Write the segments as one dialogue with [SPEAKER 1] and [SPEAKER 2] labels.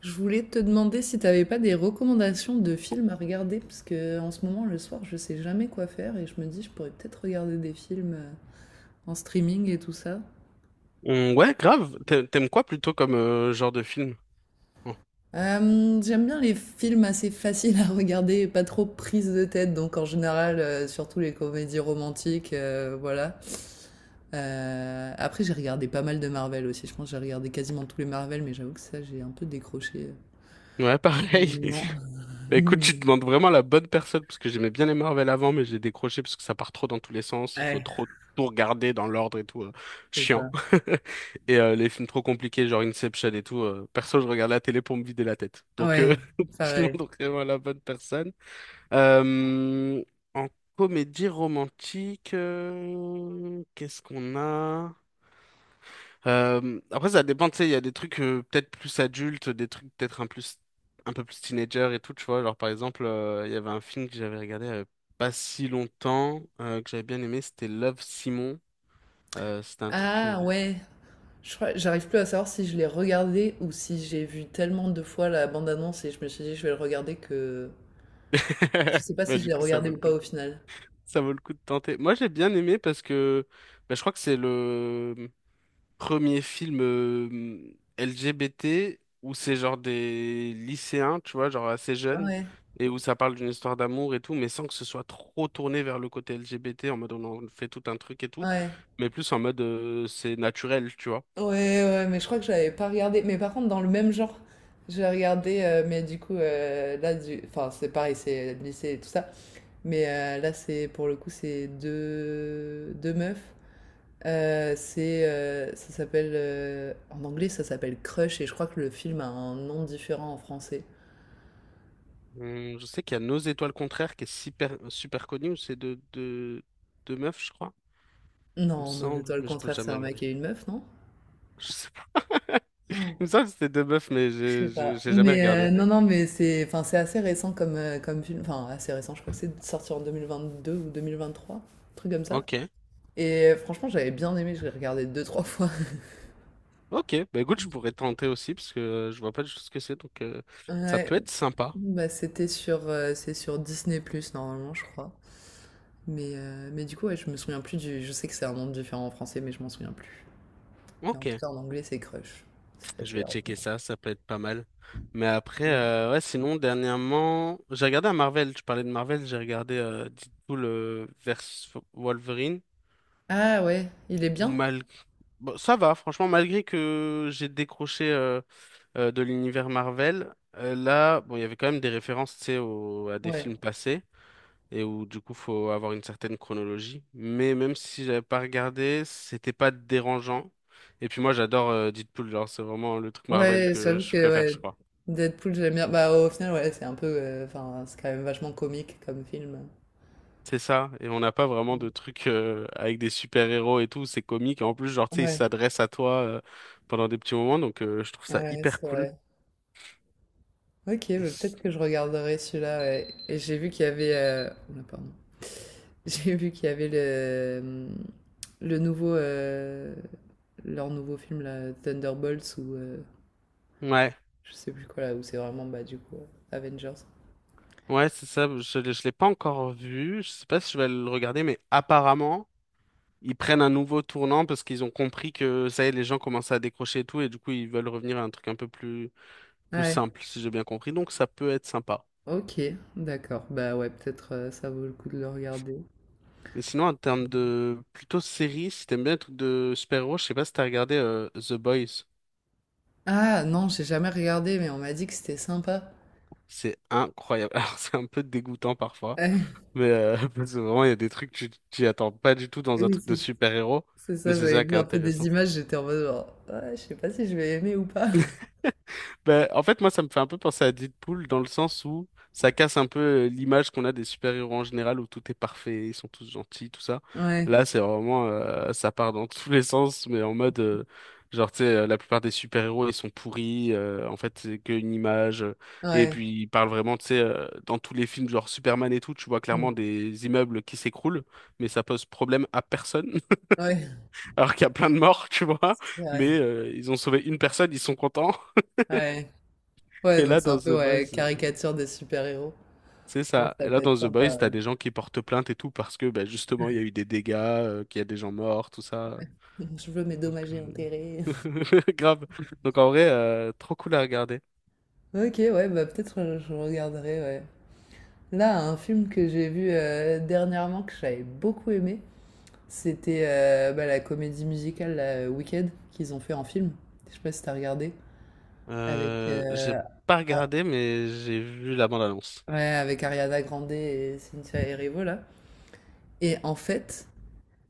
[SPEAKER 1] Je voulais te demander si t'avais pas des recommandations de films à regarder, parce que en ce moment, le soir, je sais jamais quoi faire et je me dis, je pourrais peut-être regarder des films en streaming et tout ça.
[SPEAKER 2] Ouais, grave. T'aimes quoi plutôt comme genre de film? Oh.
[SPEAKER 1] J'aime bien les films assez faciles à regarder et pas trop prises de tête, donc en général, surtout les comédies romantiques, voilà. Après, j'ai regardé pas mal de Marvel aussi. Je pense que j'ai regardé quasiment tous les Marvel, mais j'avoue que ça, j'ai un peu décroché
[SPEAKER 2] Ouais,
[SPEAKER 1] à un
[SPEAKER 2] pareil.
[SPEAKER 1] moment.
[SPEAKER 2] Bah écoute, tu demandes vraiment la bonne personne parce que j'aimais bien les Marvel avant, mais j'ai décroché parce que ça part trop dans tous les sens. Il faut
[SPEAKER 1] Ouais,
[SPEAKER 2] trop tout regarder dans l'ordre et tout.
[SPEAKER 1] c'est
[SPEAKER 2] Chiant.
[SPEAKER 1] ça.
[SPEAKER 2] Et les films trop compliqués, genre Inception et tout. Perso, je regarde la télé pour me vider la tête. Donc,
[SPEAKER 1] Ouais,
[SPEAKER 2] tu
[SPEAKER 1] pareil.
[SPEAKER 2] demandes vraiment la bonne personne. Euh, en comédie romantique, qu'est-ce qu'on a? Après, ça dépend, tu sais, il y a des trucs peut-être plus adultes, des trucs peut-être un plus, un peu plus teenager et tout, tu vois. Genre, par exemple, il y avait un film que j'avais regardé pas si longtemps, que j'avais bien aimé, c'était Love, Simon. C'était un truc que...
[SPEAKER 1] Ah ouais, j'arrive plus à savoir si je l'ai regardé ou si j'ai vu tellement de fois la bande-annonce et je me suis dit je vais le regarder que je sais pas
[SPEAKER 2] Bah,
[SPEAKER 1] si je
[SPEAKER 2] du
[SPEAKER 1] l'ai
[SPEAKER 2] coup, ça vaut
[SPEAKER 1] regardé
[SPEAKER 2] le
[SPEAKER 1] ou
[SPEAKER 2] coup
[SPEAKER 1] pas
[SPEAKER 2] de...
[SPEAKER 1] au final.
[SPEAKER 2] ça vaut le coup de tenter. Moi, j'ai bien aimé parce que bah, je crois que c'est le... premier film LGBT où c'est genre des lycéens, tu vois, genre assez
[SPEAKER 1] Ah
[SPEAKER 2] jeunes,
[SPEAKER 1] ouais,
[SPEAKER 2] et où ça parle d'une histoire d'amour et tout, mais sans que ce soit trop tourné vers le côté LGBT, en mode on en fait tout un truc et tout,
[SPEAKER 1] ouais,
[SPEAKER 2] mais plus en mode c'est naturel, tu vois.
[SPEAKER 1] ouais, ouais, mais je crois que j'avais pas regardé. Mais par contre, dans le même genre, j'ai regardé, mais du coup, là, enfin, c'est pareil, c'est le lycée et tout ça. Mais là, c'est pour le coup, c'est deux meufs. Ça s'appelle, en anglais, ça s'appelle Crush et je crois que le film a un nom différent en français.
[SPEAKER 2] Je sais qu'il y a Nos étoiles contraires qui est super, super connu, où c'est de meufs, je crois, il me
[SPEAKER 1] Non, Nos
[SPEAKER 2] semble,
[SPEAKER 1] étoiles
[SPEAKER 2] mais je peux
[SPEAKER 1] contraires, c'est
[SPEAKER 2] jamais
[SPEAKER 1] un
[SPEAKER 2] regarder.
[SPEAKER 1] mec et une meuf, non?
[SPEAKER 2] Je sais pas.
[SPEAKER 1] Oh,
[SPEAKER 2] Il me semble que c'était deux meufs, mais
[SPEAKER 1] je sais pas.
[SPEAKER 2] j'ai jamais
[SPEAKER 1] Mais
[SPEAKER 2] regardé.
[SPEAKER 1] non, non, mais c'est, enfin, c'est assez récent comme, comme film. Enfin, assez récent, je crois que c'est sorti en 2022 ou 2023, un truc comme ça.
[SPEAKER 2] Ok.
[SPEAKER 1] Et franchement, j'avais bien aimé, je l'ai regardé deux, trois fois.
[SPEAKER 2] Ok, bah écoute, je pourrais tenter aussi parce que je vois pas du tout ce que c'est, donc ça
[SPEAKER 1] Ouais,
[SPEAKER 2] peut être sympa.
[SPEAKER 1] bah c'était sur, c'est sur Disney+, normalement, je crois. Mais du coup, ouais, je me souviens plus Je sais que c'est un nom différent en français, mais je m'en souviens plus. Mais en
[SPEAKER 2] Ok,
[SPEAKER 1] tout cas, en anglais, c'est Crush. C'est
[SPEAKER 2] je
[SPEAKER 1] facile
[SPEAKER 2] vais
[SPEAKER 1] à
[SPEAKER 2] checker
[SPEAKER 1] retenir.
[SPEAKER 2] ça, ça peut être pas mal. Mais après,
[SPEAKER 1] Mm.
[SPEAKER 2] ouais, sinon, dernièrement, j'ai regardé un Marvel, tu parlais de Marvel, j'ai regardé Deadpool versus Wolverine,
[SPEAKER 1] Ah ouais, il est
[SPEAKER 2] ou
[SPEAKER 1] bien?
[SPEAKER 2] mal... Bon, ça va, franchement, malgré que j'ai décroché de l'univers Marvel, là, bon, il y avait quand même des références, tu sais, à des
[SPEAKER 1] Ouais,
[SPEAKER 2] films passés. Et où du coup faut avoir une certaine chronologie. Mais même si j'avais pas regardé, c'était pas dérangeant. Et puis moi j'adore Deadpool, genre c'est vraiment le truc Marvel
[SPEAKER 1] ouais,
[SPEAKER 2] que
[SPEAKER 1] j'avoue
[SPEAKER 2] je
[SPEAKER 1] que
[SPEAKER 2] préfère, je
[SPEAKER 1] ouais,
[SPEAKER 2] crois.
[SPEAKER 1] Deadpool, j'aime bien. Bah au final, ouais, c'est un peu. Enfin, c'est quand même vachement comique comme film.
[SPEAKER 2] C'est ça, et on n'a pas vraiment de
[SPEAKER 1] Mm.
[SPEAKER 2] trucs avec des super-héros et tout, c'est comique. Et en plus, genre, tu sais, ils
[SPEAKER 1] Ouais,
[SPEAKER 2] s'adressent à toi pendant des petits moments, donc je trouve ça
[SPEAKER 1] ouais,
[SPEAKER 2] hyper
[SPEAKER 1] c'est
[SPEAKER 2] cool.
[SPEAKER 1] vrai. Ok,
[SPEAKER 2] Et
[SPEAKER 1] bah,
[SPEAKER 2] c-
[SPEAKER 1] peut-être que je regarderai celui-là. Ouais. Et j'ai vu qu'il y avait. Oula, pardon. J'ai vu qu'il y avait le nouveau. Leur nouveau film, là, Thunderbolts, ou.
[SPEAKER 2] Ouais,
[SPEAKER 1] Je sais plus quoi, là, où c'est vraiment, bah, du coup, Avengers.
[SPEAKER 2] ouais, c'est ça, je l'ai pas encore vu, je sais pas si je vais le regarder, mais apparemment ils prennent un nouveau tournant parce qu'ils ont compris que ça y est, les gens commencent à décrocher et tout, et du coup, ils veulent revenir à un truc un peu plus
[SPEAKER 1] Ouais.
[SPEAKER 2] simple, si j'ai bien compris. Donc, ça peut être sympa.
[SPEAKER 1] Ok, d'accord. Bah ouais, peut-être ça vaut le coup de le regarder.
[SPEAKER 2] Mais sinon, en termes de plutôt série, si t'aimes bien les trucs de super-héros, je sais pas si t'as regardé The Boys.
[SPEAKER 1] Ah non, j'ai jamais regardé, mais on m'a dit que c'était sympa.
[SPEAKER 2] C'est incroyable. Alors, c'est un peu dégoûtant parfois,
[SPEAKER 1] Ah,
[SPEAKER 2] mais parce que vraiment, il y a des trucs que tu t'y attends pas du tout dans un
[SPEAKER 1] Oui,
[SPEAKER 2] truc de super-héros,
[SPEAKER 1] c'est
[SPEAKER 2] mais
[SPEAKER 1] ça,
[SPEAKER 2] c'est
[SPEAKER 1] j'avais
[SPEAKER 2] ça qui
[SPEAKER 1] vu
[SPEAKER 2] est
[SPEAKER 1] un peu des
[SPEAKER 2] intéressant.
[SPEAKER 1] images, j'étais en mode genre, ouais, je sais pas si je vais aimer ou pas.
[SPEAKER 2] Ben, en fait, moi, ça me fait un peu penser à Deadpool dans le sens où ça casse un peu l'image qu'on a des super-héros en général où tout est parfait, ils sont tous gentils, tout ça.
[SPEAKER 1] Ouais,
[SPEAKER 2] Là, c'est vraiment, ça part dans tous les sens, mais en mode, genre, tu sais, la plupart des super-héros, ils sont pourris, en fait, c'est qu'une image. Et
[SPEAKER 1] ouais,
[SPEAKER 2] puis, ils parlent vraiment, tu sais, dans tous les films, genre Superman et tout, tu vois clairement
[SPEAKER 1] mm,
[SPEAKER 2] des immeubles qui s'écroulent, mais ça pose problème à personne,
[SPEAKER 1] ouais,
[SPEAKER 2] alors qu'il y a plein de morts, tu vois.
[SPEAKER 1] c'est vrai.
[SPEAKER 2] Mais ils ont sauvé une personne, ils sont contents.
[SPEAKER 1] Ouais, ouais,
[SPEAKER 2] Et
[SPEAKER 1] donc
[SPEAKER 2] là,
[SPEAKER 1] c'est
[SPEAKER 2] dans
[SPEAKER 1] un
[SPEAKER 2] The
[SPEAKER 1] peu ouais,
[SPEAKER 2] Boys.
[SPEAKER 1] caricature des super-héros.
[SPEAKER 2] C'est
[SPEAKER 1] Ouais,
[SPEAKER 2] ça. Et
[SPEAKER 1] ça
[SPEAKER 2] là,
[SPEAKER 1] peut
[SPEAKER 2] dans
[SPEAKER 1] être
[SPEAKER 2] The Boys,
[SPEAKER 1] sympa.
[SPEAKER 2] t'as des gens qui portent plainte et tout parce que, bah, justement, il y a eu des dégâts, qu'il y a des gens morts, tout ça.
[SPEAKER 1] Ouais. Je veux mes
[SPEAKER 2] Donc,
[SPEAKER 1] dommages et intérêts.
[SPEAKER 2] grave. Donc, en vrai, trop cool à regarder.
[SPEAKER 1] Ok, ouais, bah peut-être je regarderai, ouais. Là, un film que j'ai vu dernièrement que j'avais beaucoup aimé, c'était bah, la comédie musicale la Wicked qu'ils ont fait en film. Je sais pas si t'as regardé. Avec,
[SPEAKER 2] J'ai pas
[SPEAKER 1] ah,
[SPEAKER 2] regardé, mais j'ai vu la bande-annonce.
[SPEAKER 1] ouais, avec Ariana Grande et Cynthia Erivo là. Et en fait,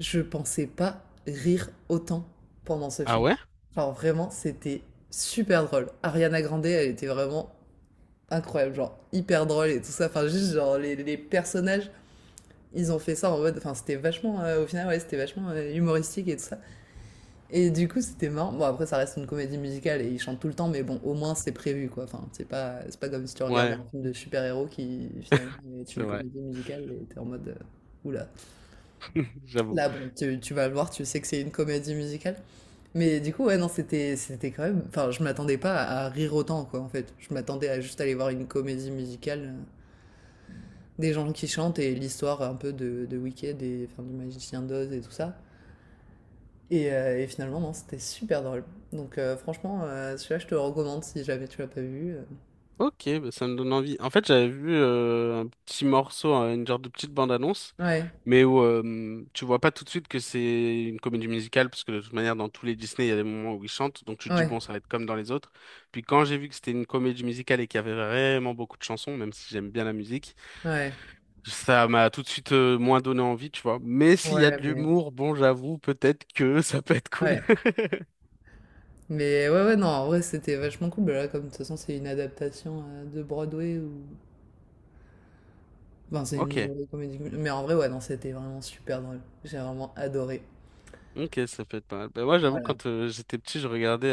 [SPEAKER 1] je pensais pas rire autant pendant ce
[SPEAKER 2] Ah
[SPEAKER 1] film.
[SPEAKER 2] ouais?
[SPEAKER 1] Genre vraiment, c'était super drôle. Ariana Grande, elle était vraiment incroyable, genre hyper drôle et tout ça. Enfin, juste genre les personnages, ils ont fait ça en mode. Enfin, c'était vachement, au final, ouais, c'était vachement humoristique et tout ça. Et du coup, c'était marrant. Bon, après, ça reste une comédie musicale et ils chantent tout le temps, mais bon, au moins c'est prévu, quoi. Enfin, c'est pas comme si tu regardais
[SPEAKER 2] Ouais,
[SPEAKER 1] un film de super-héros qui finalement est
[SPEAKER 2] c'est
[SPEAKER 1] une
[SPEAKER 2] vrai.
[SPEAKER 1] comédie musicale et t'es en mode, oula.
[SPEAKER 2] J'avoue.
[SPEAKER 1] Là, bon, tu vas le voir, tu sais que c'est une comédie musicale. Mais du coup, ouais, non, c'était quand même. Enfin, je m'attendais pas à rire autant, quoi, en fait. Je m'attendais à juste aller voir une comédie musicale, des gens qui chantent et l'histoire un peu de Wicked et enfin, du Magicien d'Oz et tout ça. Et, et finalement, non, c'était super drôle. Donc franchement, celui-là, je te le recommande si jamais tu l'as pas vu.
[SPEAKER 2] Ok, bah, ça me donne envie. En fait, j'avais vu un petit morceau, hein, une genre de petite bande-annonce,
[SPEAKER 1] Ouais,
[SPEAKER 2] mais où tu vois pas tout de suite que c'est une comédie musicale, parce que de toute manière, dans tous les Disney, il y a des moments où ils chantent, donc tu te dis,
[SPEAKER 1] ouais,
[SPEAKER 2] bon, ça va être comme dans les autres. Puis quand j'ai vu que c'était une comédie musicale et qu'il y avait vraiment beaucoup de chansons, même si j'aime bien la musique,
[SPEAKER 1] ouais,
[SPEAKER 2] ça m'a tout de suite moins donné envie, tu vois. Mais s'il y a
[SPEAKER 1] ouais,
[SPEAKER 2] de
[SPEAKER 1] mais
[SPEAKER 2] l'humour, bon, j'avoue, peut-être que ça peut être cool.
[SPEAKER 1] ouais, mais ouais, ouais, non, en vrai, c'était vachement cool. Bah là, comme de toute façon, c'est une adaptation de Broadway ou, enfin, c'est une
[SPEAKER 2] Ok,
[SPEAKER 1] comédie, mais en vrai, ouais, non, c'était vraiment super drôle. J'ai vraiment adoré.
[SPEAKER 2] ok, ça peut être pas mal. Bah, moi, j'avoue,
[SPEAKER 1] Voilà.
[SPEAKER 2] quand j'étais petit, je regardais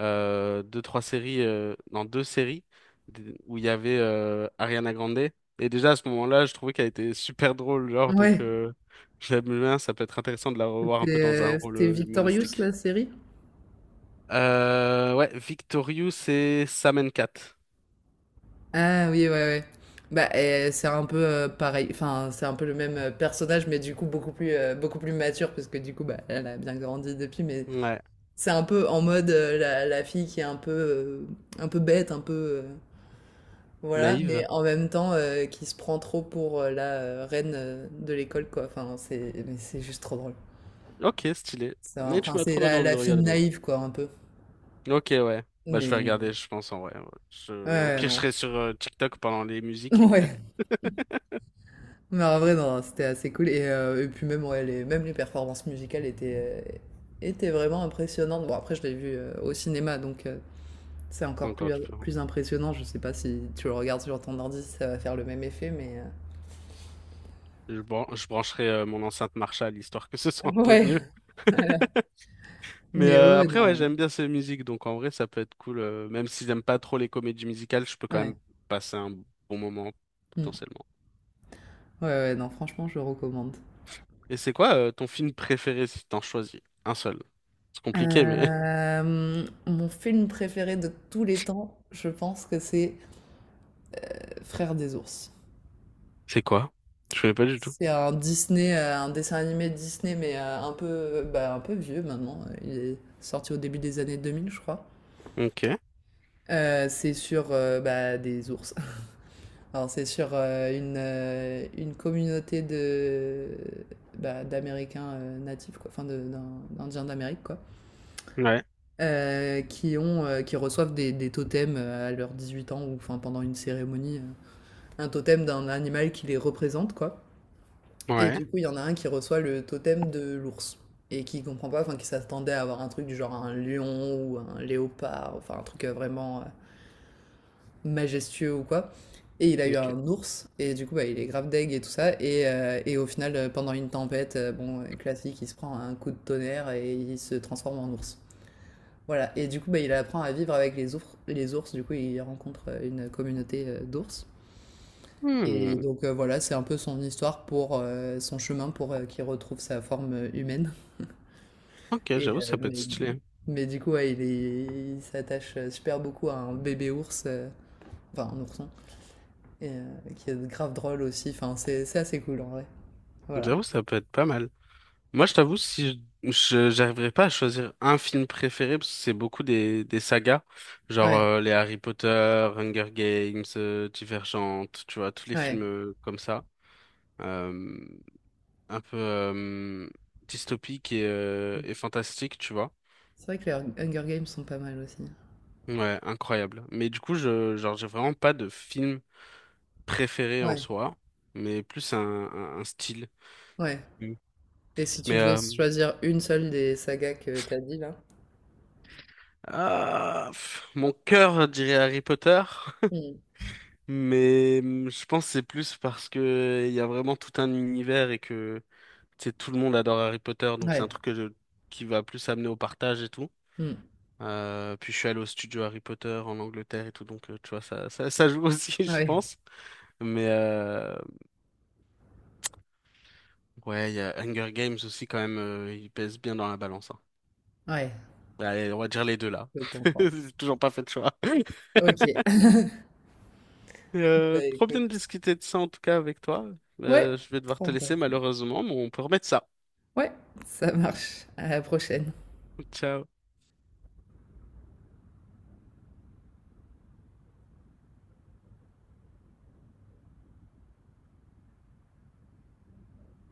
[SPEAKER 2] deux, trois séries, non, deux séries où il y avait Ariana Grande. Et déjà à ce moment-là, je trouvais qu'elle était super drôle, genre, donc
[SPEAKER 1] Ouais,
[SPEAKER 2] j'aime bien, ça peut être intéressant de la revoir
[SPEAKER 1] c'était
[SPEAKER 2] un peu dans un rôle
[SPEAKER 1] c'était Victorious
[SPEAKER 2] humoristique.
[SPEAKER 1] la série.
[SPEAKER 2] Ouais, Victorious et Sam Cat.
[SPEAKER 1] Ah oui, ouais, ouais. Bah, c'est un peu pareil, enfin, c'est un peu le même personnage, mais du coup, beaucoup plus mature, parce que du coup, bah, elle a bien grandi depuis, mais
[SPEAKER 2] Ouais,
[SPEAKER 1] c'est un peu en mode la fille qui est un peu bête, un peu. Voilà, mais
[SPEAKER 2] naïve.
[SPEAKER 1] en même temps, qui se prend trop pour la reine de l'école, quoi. Enfin, mais c'est juste trop drôle.
[SPEAKER 2] Ok, stylé. Mais tu
[SPEAKER 1] Enfin,
[SPEAKER 2] m'as
[SPEAKER 1] c'est
[SPEAKER 2] trop donné envie de
[SPEAKER 1] la fille
[SPEAKER 2] regarder maintenant.
[SPEAKER 1] naïve, quoi, un peu.
[SPEAKER 2] Ok, ouais. Bah, je vais
[SPEAKER 1] Mais.
[SPEAKER 2] regarder, je pense, en vrai. Ouais. Au
[SPEAKER 1] Ouais,
[SPEAKER 2] pire, je
[SPEAKER 1] non.
[SPEAKER 2] serai sur TikTok pendant les musiques, mais
[SPEAKER 1] Ouais. Mais en vrai, non, c'était assez cool. Et puis même, ouais, même les performances musicales étaient, étaient vraiment impressionnantes. Bon, après, je l'ai vu au cinéma, donc c'est
[SPEAKER 2] c'est
[SPEAKER 1] encore plus,
[SPEAKER 2] encore du peu.
[SPEAKER 1] impressionnant. Je sais pas si tu le regardes sur ton ordi, si ça va faire le même effet, mais...
[SPEAKER 2] Je brancherai mon enceinte Marshall, histoire que ce soit un peu
[SPEAKER 1] Ouais,
[SPEAKER 2] mieux.
[SPEAKER 1] voilà.
[SPEAKER 2] Mais
[SPEAKER 1] Mais ouais, ouais,
[SPEAKER 2] après,
[SPEAKER 1] non.
[SPEAKER 2] ouais, j'aime bien ces musiques, donc en vrai, ça peut être cool. Même si j'aime pas trop les comédies musicales, je peux quand même
[SPEAKER 1] Ouais.
[SPEAKER 2] passer un bon moment,
[SPEAKER 1] Mm.
[SPEAKER 2] potentiellement.
[SPEAKER 1] Ouais, ouais, non, franchement, je recommande.
[SPEAKER 2] Et c'est quoi ton film préféré si t'en choisis? Un seul. C'est compliqué, mais
[SPEAKER 1] Mon film préféré de tous les temps, je pense que c'est Frères des ours.
[SPEAKER 2] c'est quoi? Je connais pas du tout.
[SPEAKER 1] C'est un Disney, un dessin animé Disney, mais un peu, bah, un peu vieux maintenant. Il est sorti au début des années 2000, je crois.
[SPEAKER 2] Ok.
[SPEAKER 1] C'est sur bah, des ours. Alors, c'est sur une communauté de bah, d'Américains natifs, quoi, enfin d'Indiens d'Amérique, quoi,
[SPEAKER 2] Ouais.
[SPEAKER 1] qui ont, qui reçoivent des totems à leurs 18 ans ou enfin pendant une cérémonie, un totem d'un animal qui les représente, quoi. Et
[SPEAKER 2] Ouais.
[SPEAKER 1] du coup, il y en a un qui reçoit le totem de l'ours et qui comprend pas, enfin qui s'attendait à avoir un truc du genre un lion ou un léopard, enfin un truc vraiment majestueux ou quoi. Et il a eu un
[SPEAKER 2] Ok.
[SPEAKER 1] ours et du coup bah, il est grave deg et tout ça et au final pendant une tempête, bon classique, il se prend un coup de tonnerre et il se transforme en ours. Voilà et du coup bah, il apprend à vivre avec les ours du coup il rencontre une communauté d'ours et
[SPEAKER 2] Hmm.
[SPEAKER 1] donc voilà, c'est un peu son histoire pour son chemin pour qu'il retrouve sa forme humaine.
[SPEAKER 2] Ok,
[SPEAKER 1] Et,
[SPEAKER 2] j'avoue, ça peut être stylé.
[SPEAKER 1] mais du coup, ouais, il s'attache super beaucoup à un bébé ours, enfin un ourson, et, qui est grave drôle aussi. Enfin, c'est assez cool en vrai. Voilà.
[SPEAKER 2] J'avoue, ça peut être pas mal. Moi, je t'avoue, si je, je- j'arriverais pas à choisir un film préféré, parce que c'est beaucoup des sagas, genre
[SPEAKER 1] Ouais,
[SPEAKER 2] les Harry Potter, Hunger Games, Divergente, tu vois, tous les films
[SPEAKER 1] ouais.
[SPEAKER 2] comme ça, euh, un peu dystopiques et fantastiques, tu vois.
[SPEAKER 1] C'est vrai que les Hunger Games sont pas mal aussi.
[SPEAKER 2] Ouais, incroyable. Mais du coup, je, genre, j'ai vraiment pas de film préféré en
[SPEAKER 1] Ouais,
[SPEAKER 2] soi, mais plus un style.
[SPEAKER 1] ouais.
[SPEAKER 2] Mm.
[SPEAKER 1] Et si tu
[SPEAKER 2] Mais
[SPEAKER 1] devais choisir une seule des sagas que t'as dit là?
[SPEAKER 2] ah, pff, mon cœur dirait Harry Potter.
[SPEAKER 1] Hmm.
[SPEAKER 2] Mais je pense que c'est plus parce que il y a vraiment tout un univers et que tu sais, tout le monde adore Harry Potter, donc c'est un
[SPEAKER 1] Ouais,
[SPEAKER 2] truc que qui va plus amener au partage et tout.
[SPEAKER 1] hmm.
[SPEAKER 2] Puis je suis allé au studio Harry Potter en Angleterre et tout, donc tu vois, ça joue aussi, je
[SPEAKER 1] Ouais,
[SPEAKER 2] pense. Mais ouais, il y a Hunger Games aussi quand même, il pèse bien dans la balance, hein.
[SPEAKER 1] ouais,
[SPEAKER 2] Allez, on va dire les deux là.
[SPEAKER 1] je comprends.
[SPEAKER 2] J'ai toujours pas fait de choix.
[SPEAKER 1] Ok. Bah
[SPEAKER 2] Trop bien de
[SPEAKER 1] écoute.
[SPEAKER 2] discuter de ça en tout cas avec toi.
[SPEAKER 1] Ouais,
[SPEAKER 2] Je vais devoir te
[SPEAKER 1] trop
[SPEAKER 2] laisser
[SPEAKER 1] important.
[SPEAKER 2] malheureusement, mais on peut remettre ça.
[SPEAKER 1] Ouais, ça marche. À la prochaine.
[SPEAKER 2] Ciao.